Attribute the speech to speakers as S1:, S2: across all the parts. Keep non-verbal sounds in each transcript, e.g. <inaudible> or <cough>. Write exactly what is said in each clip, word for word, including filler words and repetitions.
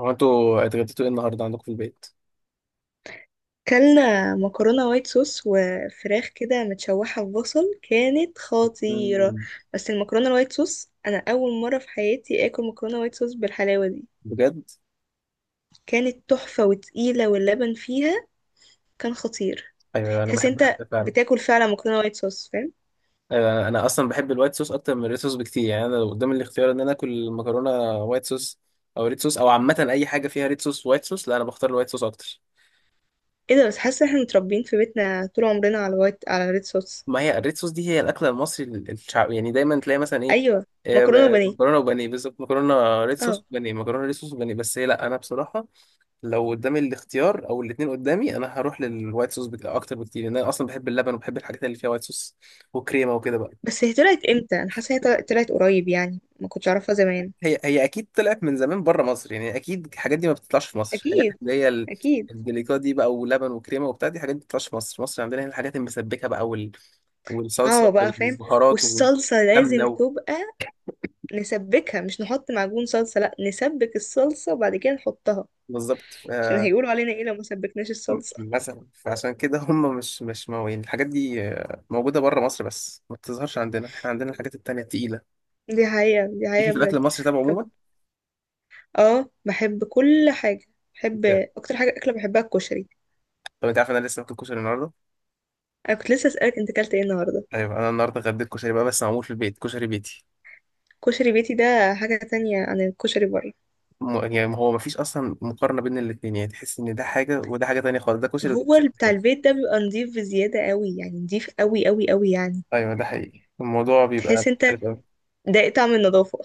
S1: هو انتوا اتغديتوا ايه النهارده عندكم في البيت؟
S2: كلنا مكرونة وايت صوص وفراخ كده متشوحة في بصل، كانت خطيرة.
S1: مم.
S2: بس المكرونة الوايت صوص أنا أول مرة في حياتي آكل مكرونة وايت صوص بالحلاوة دي.
S1: بجد؟
S2: كانت تحفة وتقيلة، واللبن فيها كان خطير.
S1: ايوه، انا
S2: تحس
S1: بحبها
S2: انت
S1: فعلا.
S2: بتاكل فعلا مكرونة وايت صوص، فاهم.
S1: ايوه، انا اصلا بحب الوايت صوص اكتر من الريد صوص بكتير، يعني انا لو قدامي الاختيار ان انا اكل مكرونه وايت صوص او ريد صوص، او عامه اي حاجه فيها ريد صوص وايت صوص، لا انا بختار الوايت صوص اكتر.
S2: ايه ده، بس حاسة احنا متربيين في بيتنا طول عمرنا على الوايت، على الريد صوص.
S1: ما هي الريد صوص دي هي الاكله المصري الشعب، يعني دايما تلاقي مثلا ايه.
S2: أيوة.
S1: آه،
S2: مكرونة
S1: ب-
S2: وبانيه.
S1: مكرونه وبانيه بالظبط، مكرونه ريد
S2: اه.
S1: صوص بانيه، مكرونه ريد صوص بانيه، بس هي لا انا بصراحه لو قدامي الاختيار او الاثنين قدامي انا هروح للوايت صوص بك... اكتر بكتير، لان انا اصلا بحب اللبن وبحب الحاجات اللي فيها وايت صوص وكريمه وكده بقى.
S2: بس هي طلعت امتى؟ أنا حاسة هي طلعت طلعت قريب يعني، ما كنتش أعرفها زمان.
S1: هي هي اكيد طلعت من زمان بره مصر، يعني اكيد الحاجات دي ما بتطلعش في مصر، الحاجات
S2: أكيد
S1: اللي هي ال-
S2: أكيد.
S1: الدليكات دي بقى، ولبن وكريمه وبتاع، دي حاجات ما بتطلعش في مصر. مصر عندنا هنا الحاجات المسبكه بقى، وال...
S2: اه
S1: والصلصه
S2: بقى فاهم.
S1: والبهارات
S2: والصلصة
S1: والسمنه
S2: لازم
S1: و...
S2: تبقى نسبكها، مش نحط معجون صلصة. لا، نسبك الصلصة وبعد كده نحطها.
S1: بالظبط. ف...
S2: عشان هيقولوا علينا ايه لو ما سبكناش
S1: م-
S2: الصلصة؟
S1: مثلا فعشان كده هم مش مش موين الحاجات دي، آه، موجوده بره مصر بس ما بتظهرش عندنا. احنا عندنا الحاجات التانيه التقيله
S2: دي حقيقة، دي
S1: ليكي
S2: حقيقة
S1: في الاكل
S2: بجد.
S1: المصري طب
S2: طب.
S1: عموما.
S2: اه، بحب كل حاجة. بحب
S1: بجد.
S2: اكتر حاجة اكلة، بحبها الكشري.
S1: طب انت عارف انا لسه باكل كشري النهارده.
S2: انا كنت لسه اسألك انت اكلت ايه النهاردة.
S1: ايوه، انا النهارده غديت كشري بقى، بس معمول في البيت، كشري بيتي.
S2: كشري بيتي ده حاجة تانية عن الكشري بره.
S1: م... يعني هو مفيش اصلا مقارنه بين الاثنين، يعني تحس ان ده حاجه وده حاجه تانية خالص، ده كشري وده
S2: هو
S1: كشري.
S2: ال- بتاع البيت ده بيبقى نضيف بزيادة قوي، يعني نضيف قوي قوي قوي يعني.
S1: ايوه ده حقيقي، الموضوع بيبقى
S2: تحس انت
S1: مختلف قوي.
S2: ده طعم النظافة.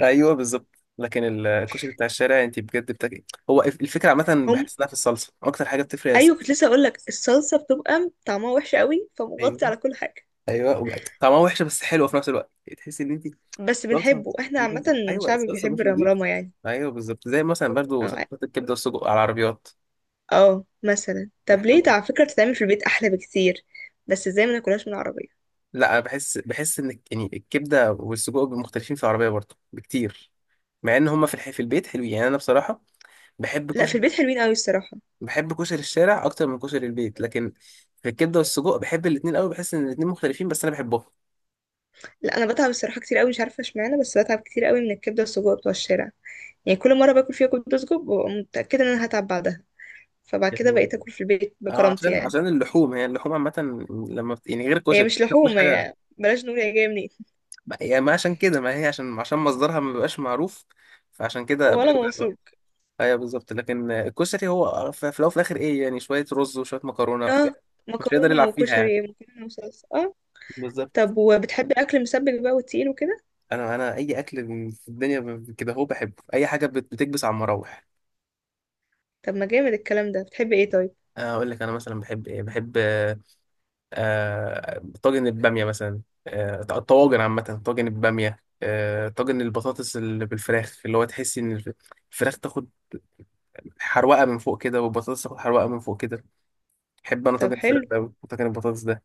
S1: ايوه بالظبط، لكن ال- الكشري بتاع الشارع انت بجد بتاكل، هو الف- الفكره عامه بحس
S2: <laughs>
S1: انها في الصلصه، اكتر حاجه بتفرق هي
S2: ايوه، كنت
S1: الصلصه.
S2: لسه اقول لك الصلصه بتبقى طعمها وحش قوي، فمغطي
S1: ايوه.
S2: على كل حاجه.
S1: ايوه، وبقى طعمها وحشه بس حلوه في نفس الوقت، تحس ان انت
S2: بس
S1: صلصه.
S2: بنحبه احنا عامه.
S1: مين- ايوه
S2: شعب
S1: الصلصه
S2: بيحب
S1: مش نظيفه.
S2: الرمرامه يعني.
S1: ايوه بالظبط، زي مثلا برضو
S2: اه.
S1: صلصات الكبده والسجق على العربيات.
S2: اه مثلا، طب
S1: احنا
S2: ليه ده على فكره بتتعمل في البيت احلى بكتير؟ بس ازاي ما ناكلهاش من العربيه؟
S1: لا، بحس بحس ان يعني الكبده والسجق بيبقوا مختلفين في العربيه برضه بكتير، مع ان هما في الح... في البيت حلوين، يعني انا بصراحه بحب
S2: لا، في
S1: كشري.
S2: البيت حلوين قوي الصراحه.
S1: بحب كشري الشارع اكتر من كشري البيت، لكن في الكبده والسجق بحب الاثنين قوي، بحس ان الاثنين مختلفين بس انا بحبهم
S2: لا انا بتعب الصراحه كتير قوي، مش عارفه اشمعنى، بس بتعب كتير قوي من الكبده والسجق بتوع الشارع. يعني كل مره باكل فيها كبده وسجق ببقى متاكده ان انا هتعب بعدها. فبعد كده
S1: يعني.
S2: بقيت اكل في البيت
S1: اه
S2: بكرامتي
S1: عشان
S2: يعني.
S1: عشان اللحوم، هي اللحوم عامه لما بت... يعني غير
S2: هي
S1: الكشري،
S2: مش
S1: الكشري ما فيهوش
S2: لحوم،
S1: حاجه.
S2: هي بلاش نقول هي جايه منين.
S1: ما- يعني ما عشان كده ما هي عشان عشان مصدرها ما بيبقاش معروف، فعشان كده
S2: ولا
S1: بتوجع.
S2: موصول.
S1: ايوه بالظبط، لكن الكشري هو في في الاول وفي الاخر ايه، يعني شويه رز وشويه مكرونه،
S2: اه.
S1: مش هيقدر
S2: مكرونة
S1: يلعب فيها يعني.
S2: وكشري، مكرونة وصلصة، اه.
S1: بالظبط.
S2: طب وبتحبي أكل مسبك بقى وتقيل وكده؟
S1: انا انا اي اكل في الدنيا ب- كده هو بحبه، اي حاجه بت- بتكبس على المراوح.
S2: طب ما جامد الكلام ده، بتحبي ايه طيب؟
S1: اقول لك انا مثلا بحب ايه، بحب آه، آه، طاجن الباميه مثلا، آه، الطواجن عامه، طاجن الباميه، آه، طاجن البطاطس اللي بالفراخ، اللي هو تحس ان الف- الفراخ تاخد حروقه من فوق كده، والبطاطس تاخد حروقه من فوق كده. بحب انا
S2: طب
S1: طاجن الفراخ
S2: حلو.
S1: ده أوي، وطاجن البطاطس ده.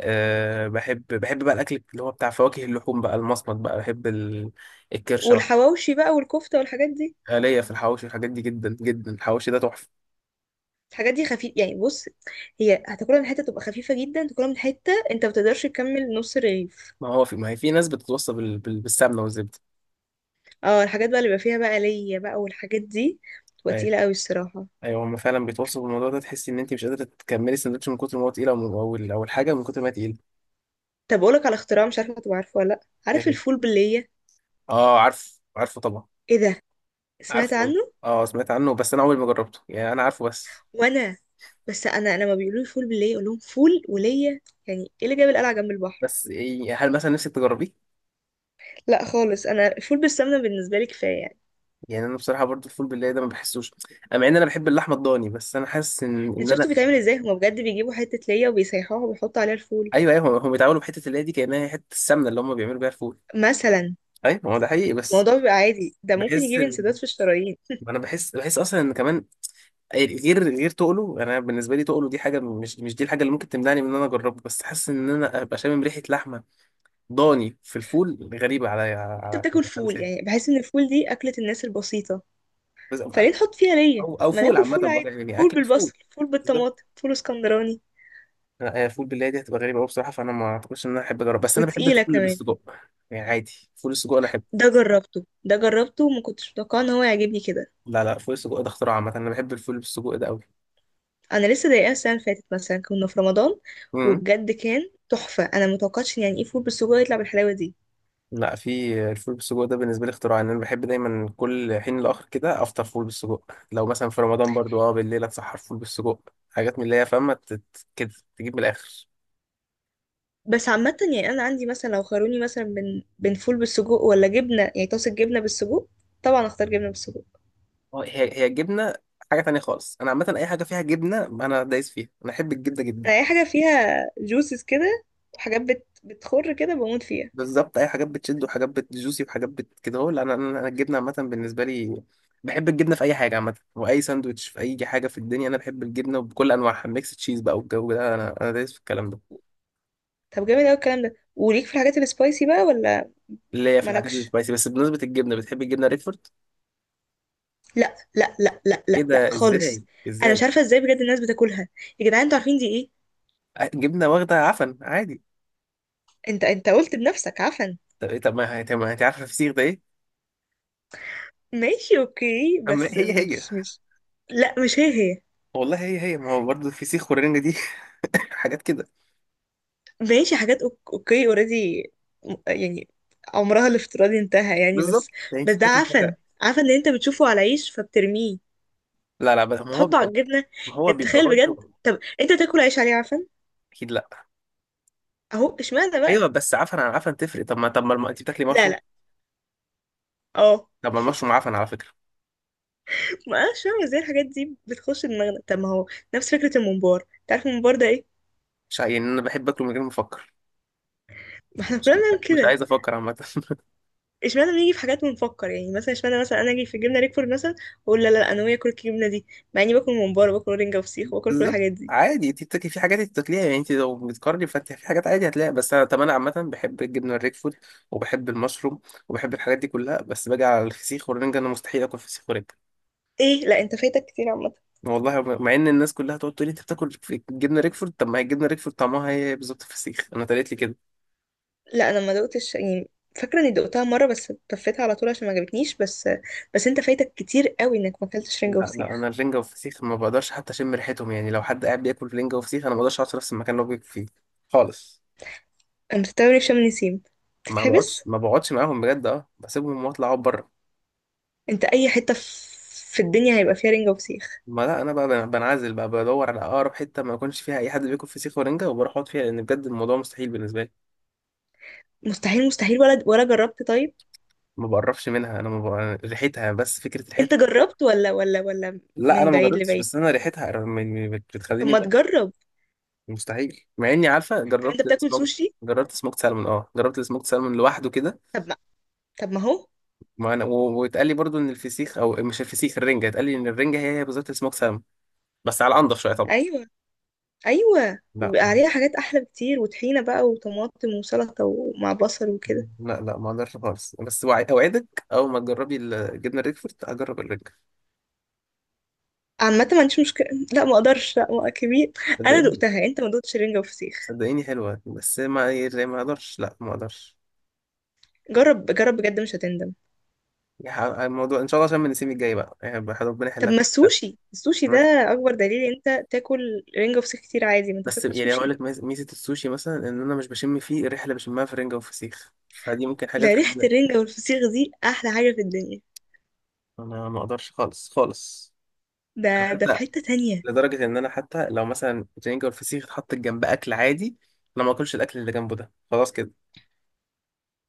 S1: أه، بحب بحب بقى الاكل اللي هو بتاع فواكه اللحوم بقى المصمت بقى، بحب ال- الكرشه وبحب
S2: والحواوشي بقى والكفتة والحاجات دي؟
S1: ليا في الحواوشي والحاجات دي جدا جدا، الحواوشي ده تحفه.
S2: الحاجات دي خفيف يعني، بص، هي هتاكلها من حتة تبقى خفيفة جدا، تاكلها من حتة انت ما بتقدرش تكمل نص رغيف.
S1: ما هو في ما هي في ناس بتتوصى بال... بال... بالسمنه والزبده.
S2: اه الحاجات بقى اللي بيبقى فيها بقى ليا بقى والحاجات دي بتبقى
S1: ايوه
S2: تقيلة قوي الصراحة.
S1: ايوه، هم فعلا بيتوصوا بالموضوع ده، تحسي ان انت مش قادره تكملي السندوتش من كتر ما هو تقيل، او او ال- أو الحاجه من كتر ما هي تقيله
S2: طب أقولك على اختراع، مش عارفة تبقى عارفة ولا لأ. عارف
S1: يعني.
S2: الفول باللية؟
S1: اه، عارف عارفه طبعا.
S2: ايه ده. سمعت
S1: عارفه والله.
S2: عنه.
S1: اه سمعت عنه، بس انا عمري ما جربته، يعني انا عارفه بس.
S2: وانا. بس انا لما بيقولوا لي فول باللية اقول لهم فول ولية. يعني ايه اللي جاب القلعة جنب البحر؟
S1: بس إيه، هل مثلا نفسك تجربيه؟
S2: لا خالص، انا فول بالسمنة بالنسبة لي كفاية يعني.
S1: يعني انا بصراحه برضو الفول بالله ده ما بحسوش، آه، مع ان انا بحب اللحمه الضاني، بس انا حاسس ان
S2: انت
S1: ان انا.
S2: شفتوا بيتعمل ازاي؟ هما بجد بيجيبوا حتة ليا وبيسيحوها وبيحطوا عليها الفول
S1: ايوه ايوه، هم بيتعاملوا بحته اللي هي دي كانها هي حته السمنه اللي هم بيعملوا بيها الفول.
S2: مثلا.
S1: ايوه ما هو ده حقيقي، بس
S2: الموضوع بيبقى عادي، ده ممكن
S1: بحس
S2: يجيب
S1: ان
S2: انسداد في الشرايين.
S1: انا بحس بحس اصلا ان كمان غير غير تقله، انا بالنسبه لي تقله دي حاجه مش، مش دي الحاجه اللي ممكن تمنعني من ان انا اجربه، بس حاسس ان انا ابقى شامم ريحه لحمه ضاني في الفول غريبه عليا على
S2: انت
S1: على
S2: بتاكل
S1: على
S2: فول
S1: لساني.
S2: يعني، بحس ان الفول دي اكلة الناس البسيطة،
S1: بس-
S2: فليه نحط فيها ليا؟
S1: او، او
S2: ما
S1: فول
S2: ناكل
S1: عامه
S2: فول
S1: بقى،
S2: عادي.
S1: يعني
S2: فول
S1: اكل فول.
S2: بالبصل، فول بالطماطم، فول اسكندراني.
S1: لا هي الفول بالله دي هتبقى غريبة أوي بصراحة، فأنا ما أعتقدش إن أنا أحب أجرب، بس أنا بحب
S2: وتقيلة
S1: الفول اللي
S2: كمان.
S1: بالسجق، يعني عادي فول السجق أنا أحبه.
S2: ده جربته، ده جربته، وما كنتش متوقعه ان هو يعجبني كده.
S1: لا لا، فول السجق ده اختراع عامة، أنا بحب الفول بالسجق ده أوي.
S2: انا لسه ضايقاها السنه اللي فاتت مثلا، كنا في رمضان،
S1: امم.
S2: وبجد كان تحفه. انا متوقعتش إن يعني ايه فول بالسجق يطلع بالحلاوه دي.
S1: لا، في الفول بالسجق ده بالنسبة لي اختراع، إن أنا بحب دايما كل حين لآخر كده أفطر فول بالسجق، لو مثلا في رمضان برضو أه بالليل أتسحر فول بالسجق، حاجات من اللي هي فاهمة تت- كده، تجيب من الآخر.
S2: بس عامه يعني انا عندي مثلا، لو خيروني مثلا بين بين فول بالسجق ولا جبنه يعني، طاسه جبنه بالسجق، طبعا اختار جبنه بالسجق.
S1: أه، هي هي الجبنة حاجة تانية خالص، أنا عامة أي حاجة فيها جبنة أنا دايس فيها، أنا أحب الجبنة جدا.
S2: انا اي حاجه فيها جوسز كده وحاجات بت... بتخر كده بموت فيها.
S1: بالظبط، اي حاجات بتشد وحاجات بتجوسي وحاجات بت كده، هو انا انا أنا الجبنه عامه بالنسبه لي بحب الجبنه في اي حاجه عامه، واي ساندوتش في اي حاجه في الدنيا انا بحب الجبنه بكل انواعها، ميكس تشيز بقى والجو ده انا انا دايس في الكلام ده،
S2: طب جامد قوي الكلام ده. وليك في الحاجات السبايسي بقى ولا؟
S1: اللي هي في الحاجات
S2: مالكش.
S1: السبايسي، بس بالنسبه للجبنه بتحب الجبنه ريكفورد.
S2: لا لا لا لا
S1: ايه
S2: لا لا،
S1: ده، ازاي؟
S2: خالص. انا مش
S1: ازاي؟
S2: عارفه ازاي بجد الناس بتاكلها. يا جدعان، انتوا عارفين دي ايه؟
S1: ع- جبنه واخده عفن عادي.
S2: انت انت قلت بنفسك عفن.
S1: طب إيه- طب ما هي- طب ما انت عارفه الفسيخ ده ايه.
S2: ماشي اوكي،
S1: أما
S2: بس
S1: هي هي.
S2: مش مش. لا مش هي، هي.
S1: والله هي هي، ما هو برضه الفسيخ والرنجه دي <laughs> حاجات كده.
S2: ماشي، حاجات أوك- اوكي اوريدي يعني. عمرها الافتراضي انتهى يعني بس.
S1: بالظبط، يعني
S2: بس
S1: انت
S2: ده
S1: بتاكل
S2: عفن.
S1: حاجه.
S2: عفن اللي انت بتشوفه على عيش فبترميه،
S1: لا لا، بس ما هو
S2: تحطه على
S1: بيبقى،
S2: الجبنة؟
S1: ما هو
S2: يعني
S1: بيبقى
S2: تخيل بجد،
S1: برضه.
S2: طب انت تاكل عيش عليه عفن؟
S1: اكيد لا.
S2: اهو اشمعنى
S1: ايوه،
S2: بقى.
S1: بس عفن عن عفن تفرق. طب ما طب ما الم- انت بتاكلي
S2: لا
S1: مشروم؟
S2: لا. اه.
S1: طب ما المشروم عفن على فكره.
S2: ما اعرفش بقى ازاي الحاجات دي بتخش دماغنا، طب ما هو نفس فكرة الممبار. تعرف الممبار ده ايه؟
S1: مش ع- يعني انا بحب اكله من غير ما افكر،
S2: ما احنا كلنا
S1: مش
S2: بنعمل
S1: مش
S2: كده.
S1: عايز افكر عامه <laughs>
S2: اشمعنى بنيجي في حاجات ونفكر يعني؟ مثلا اشمعنى مثلا انا اجي في جبنه ريكفورد مثلا واقول لا لا لا، انا ناويه اكل الجبنه دي، مع اني باكل ممبار وباكل رنجه وفسيخ وباكل كل
S1: بالظبط،
S2: الحاجات دي.
S1: عادي انت بتاكلي في حاجات انت بتاكليها، يعني انت لو بتقارني فانت في حاجات عادي هتلاقيها، بس انا طب انا عامه بحب الجبنه الريك فود وبحب المشروم وبحب الحاجات دي كلها، بس باجي على الفسيخ والرنجه انا مستحيل اكل فسيخ ورنجه.
S2: ايه، لا انت فايتك كتير عامه.
S1: والله مع ان الناس كلها تقعد تقول لي انت بتاكل في الجبنه ريكفورد، طب ما هي الجبنه ريكفورد طعمها هي بالظبط الفسيخ، انا اتقالت لي كده.
S2: لا انا ما دقتش يعني، فاكره اني دقتها مره بس طفيتها على طول عشان ما عجبتنيش بس. بس انت فايتك كتير قوي انك ما اكلتش رنجه
S1: لا لا،
S2: وفسيخ.
S1: انا الرنجة والفسيخ ما بقدرش حتى اشم ريحتهم، يعني لو حد قاعد بياكل رنجة وفسيخ انا ما بقدرش اقعد في نفس المكان اللي هو بياكل فيه خالص.
S2: انا مستغرب شم نسيم
S1: ما بقعدش
S2: تتحبس.
S1: ما بقعدش معاهم بجد، اه بسيبهم واطلع اقعد بره.
S2: انت اي حته في في الدنيا هيبقى فيها رنجه وفسيخ.
S1: ما لا انا بقى بن- بنعزل بقى، بدور على اقرب حته ما يكونش فيها اي حد بياكل فسيخ ورنجه، وبروح اقعد فيها، لان بجد الموضوع مستحيل بالنسبه لي.
S2: مستحيل مستحيل، ولا ولا جربت طيب؟
S1: ما بقربش منها، انا ما بق... ريحتها، بس فكره
S2: انت
S1: ريحتها.
S2: جربت ولا ولا ولا؟
S1: لا انا
S2: من
S1: ما
S2: بعيد
S1: جربتش،
S2: لبعيد.
S1: بس انا ريحتها م- م- بت-
S2: طب
S1: بتخليني ب-
S2: ما تجرب.
S1: مستحيل، مع اني عارفه
S2: طب انت
S1: جربت
S2: بتاكل
S1: سموك،
S2: سوشي؟
S1: جربت سموكت سالمون، اه جربت السموكت سالمون لوحده كده.
S2: طب ما، طب ما هو.
S1: ما انا و- واتقال لي برضو ان الفسيخ او مش الفسيخ الرنجه، اتقال لي ان الرنجه هي هي بالظبط السموك سالمون، بس على انضف شويه طبعا.
S2: ايوه، ايوه
S1: لا
S2: وبيبقى عليها حاجات احلى بكتير، وطحينه بقى وطماطم وسلطه ومع بصل وكده.
S1: لا لا، ما اقدرش خالص. بس وع- اوعدك اول ما تجربي الجبنه الريكفورت هجرب الرنجه.
S2: عامه ما عنديش مشكله. لا ما اقدرش، لا ما كبير. انا
S1: صدقيني.
S2: دقتها، انت ما دقتش رنجه وفسيخ.
S1: صدقيني حلوه، بس ما يعني ما اقدرش، لا ما اقدرش
S2: جرب، جرب بجد مش هتندم.
S1: يعني. الموضوع ان شاء الله عشان من السيم الجاي بقى، يعني ربنا
S2: طب
S1: يحلك.
S2: ما السوشي، السوشي ده اكبر دليل إن انت تاكل رنجه وفسيخ كتير عادي، ما انت
S1: بس
S2: بتاكل
S1: يعني هقول
S2: سوشي.
S1: لك ميز- ميزه السوشي مثلا ان انا مش بشم فيه الريحه اللي بشمها في الرنجه والفسيخ، فدي ممكن حاجات
S2: ده ريحه
S1: تخليني.
S2: الرنجه والفسيخ دي احلى حاجه في الدنيا.
S1: انا ما اقدرش خالص خالص.
S2: ده ده في
S1: حتى
S2: حته تانية.
S1: لدرجة إن أنا حتى لو مثلا الرنجة والفسيخ اتحط جنب أكل عادي، أنا ما أكلش الأكل اللي جنبه ده خلاص كده،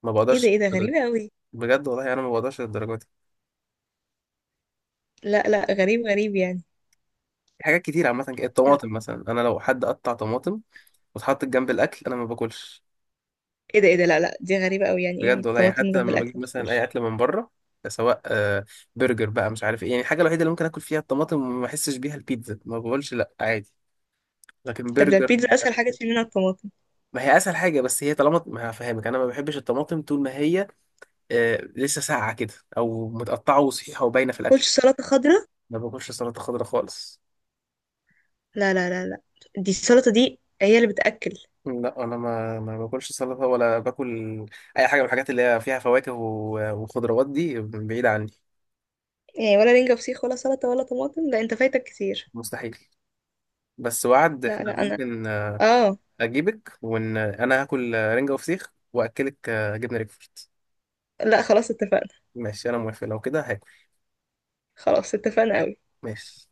S1: ما
S2: ايه ده،
S1: بقدرش
S2: ايه ده،
S1: للدرجة دي.
S2: غريبه قوي.
S1: بجد والله أنا ما بقدرش للدرجة دي.
S2: لا لا، غريب غريب يعني.
S1: في حاجات كتير عامة كده، الطماطم مثلا، أنا لو حد قطع طماطم واتحطت جنب الأكل أنا ما باكلش.
S2: ايه ده، ايه ده، لا لا دي غريبة قوي. يعني
S1: بجد
S2: ايه
S1: والله، يعني
S2: طماطم
S1: حتى
S2: جنب
S1: لما
S2: الاكل
S1: بجيب
S2: ما
S1: مثلا أي
S2: بتاكلش؟
S1: أكل من بره، سواء آه، برجر بقى مش عارف إيه، يعني الحاجة الوحيدة اللي ممكن آكل فيها الطماطم وما أحسش بيها البيتزا، ما بقولش لأ عادي، لكن
S2: طب ده
S1: برجر
S2: البيتزا اسهل حاجة تشيل منها الطماطم.
S1: ما هي اسهل حاجه بس هي، طالما ما هفهمك انا ما بحبش الطماطم طول ما هي آه لسه ساقعة كده أو متقطعة وصحيحة وباينة في الأكل.
S2: كلش سلطة خضراء.
S1: ما باكلش سلطة خضراء خالص.
S2: لا لا لا لا، دي السلطة دي هي اللي بتأكل.
S1: لا أنا ما ما باكلش سلطة ولا باكل أي حاجة من الحاجات اللي هي فيها فواكه و- وخضروات دي بعيدة عني.
S2: يعني ولا رنجة فسيخ، ولا سلطة، ولا طماطم؟ لا انت فايتك كتير.
S1: مستحيل. بس وعد
S2: لا
S1: إحنا
S2: لا انا.
S1: ممكن، آه،
S2: اه.
S1: أجيبك وإن أنا هاكل آه، رنجة وفسيخ وأكلك آه، جبنة ريكفورد.
S2: لا خلاص اتفقنا.
S1: ماشي أنا موافق لو كده هاكل.
S2: خلاص اتفقنا قوي.
S1: ماشي.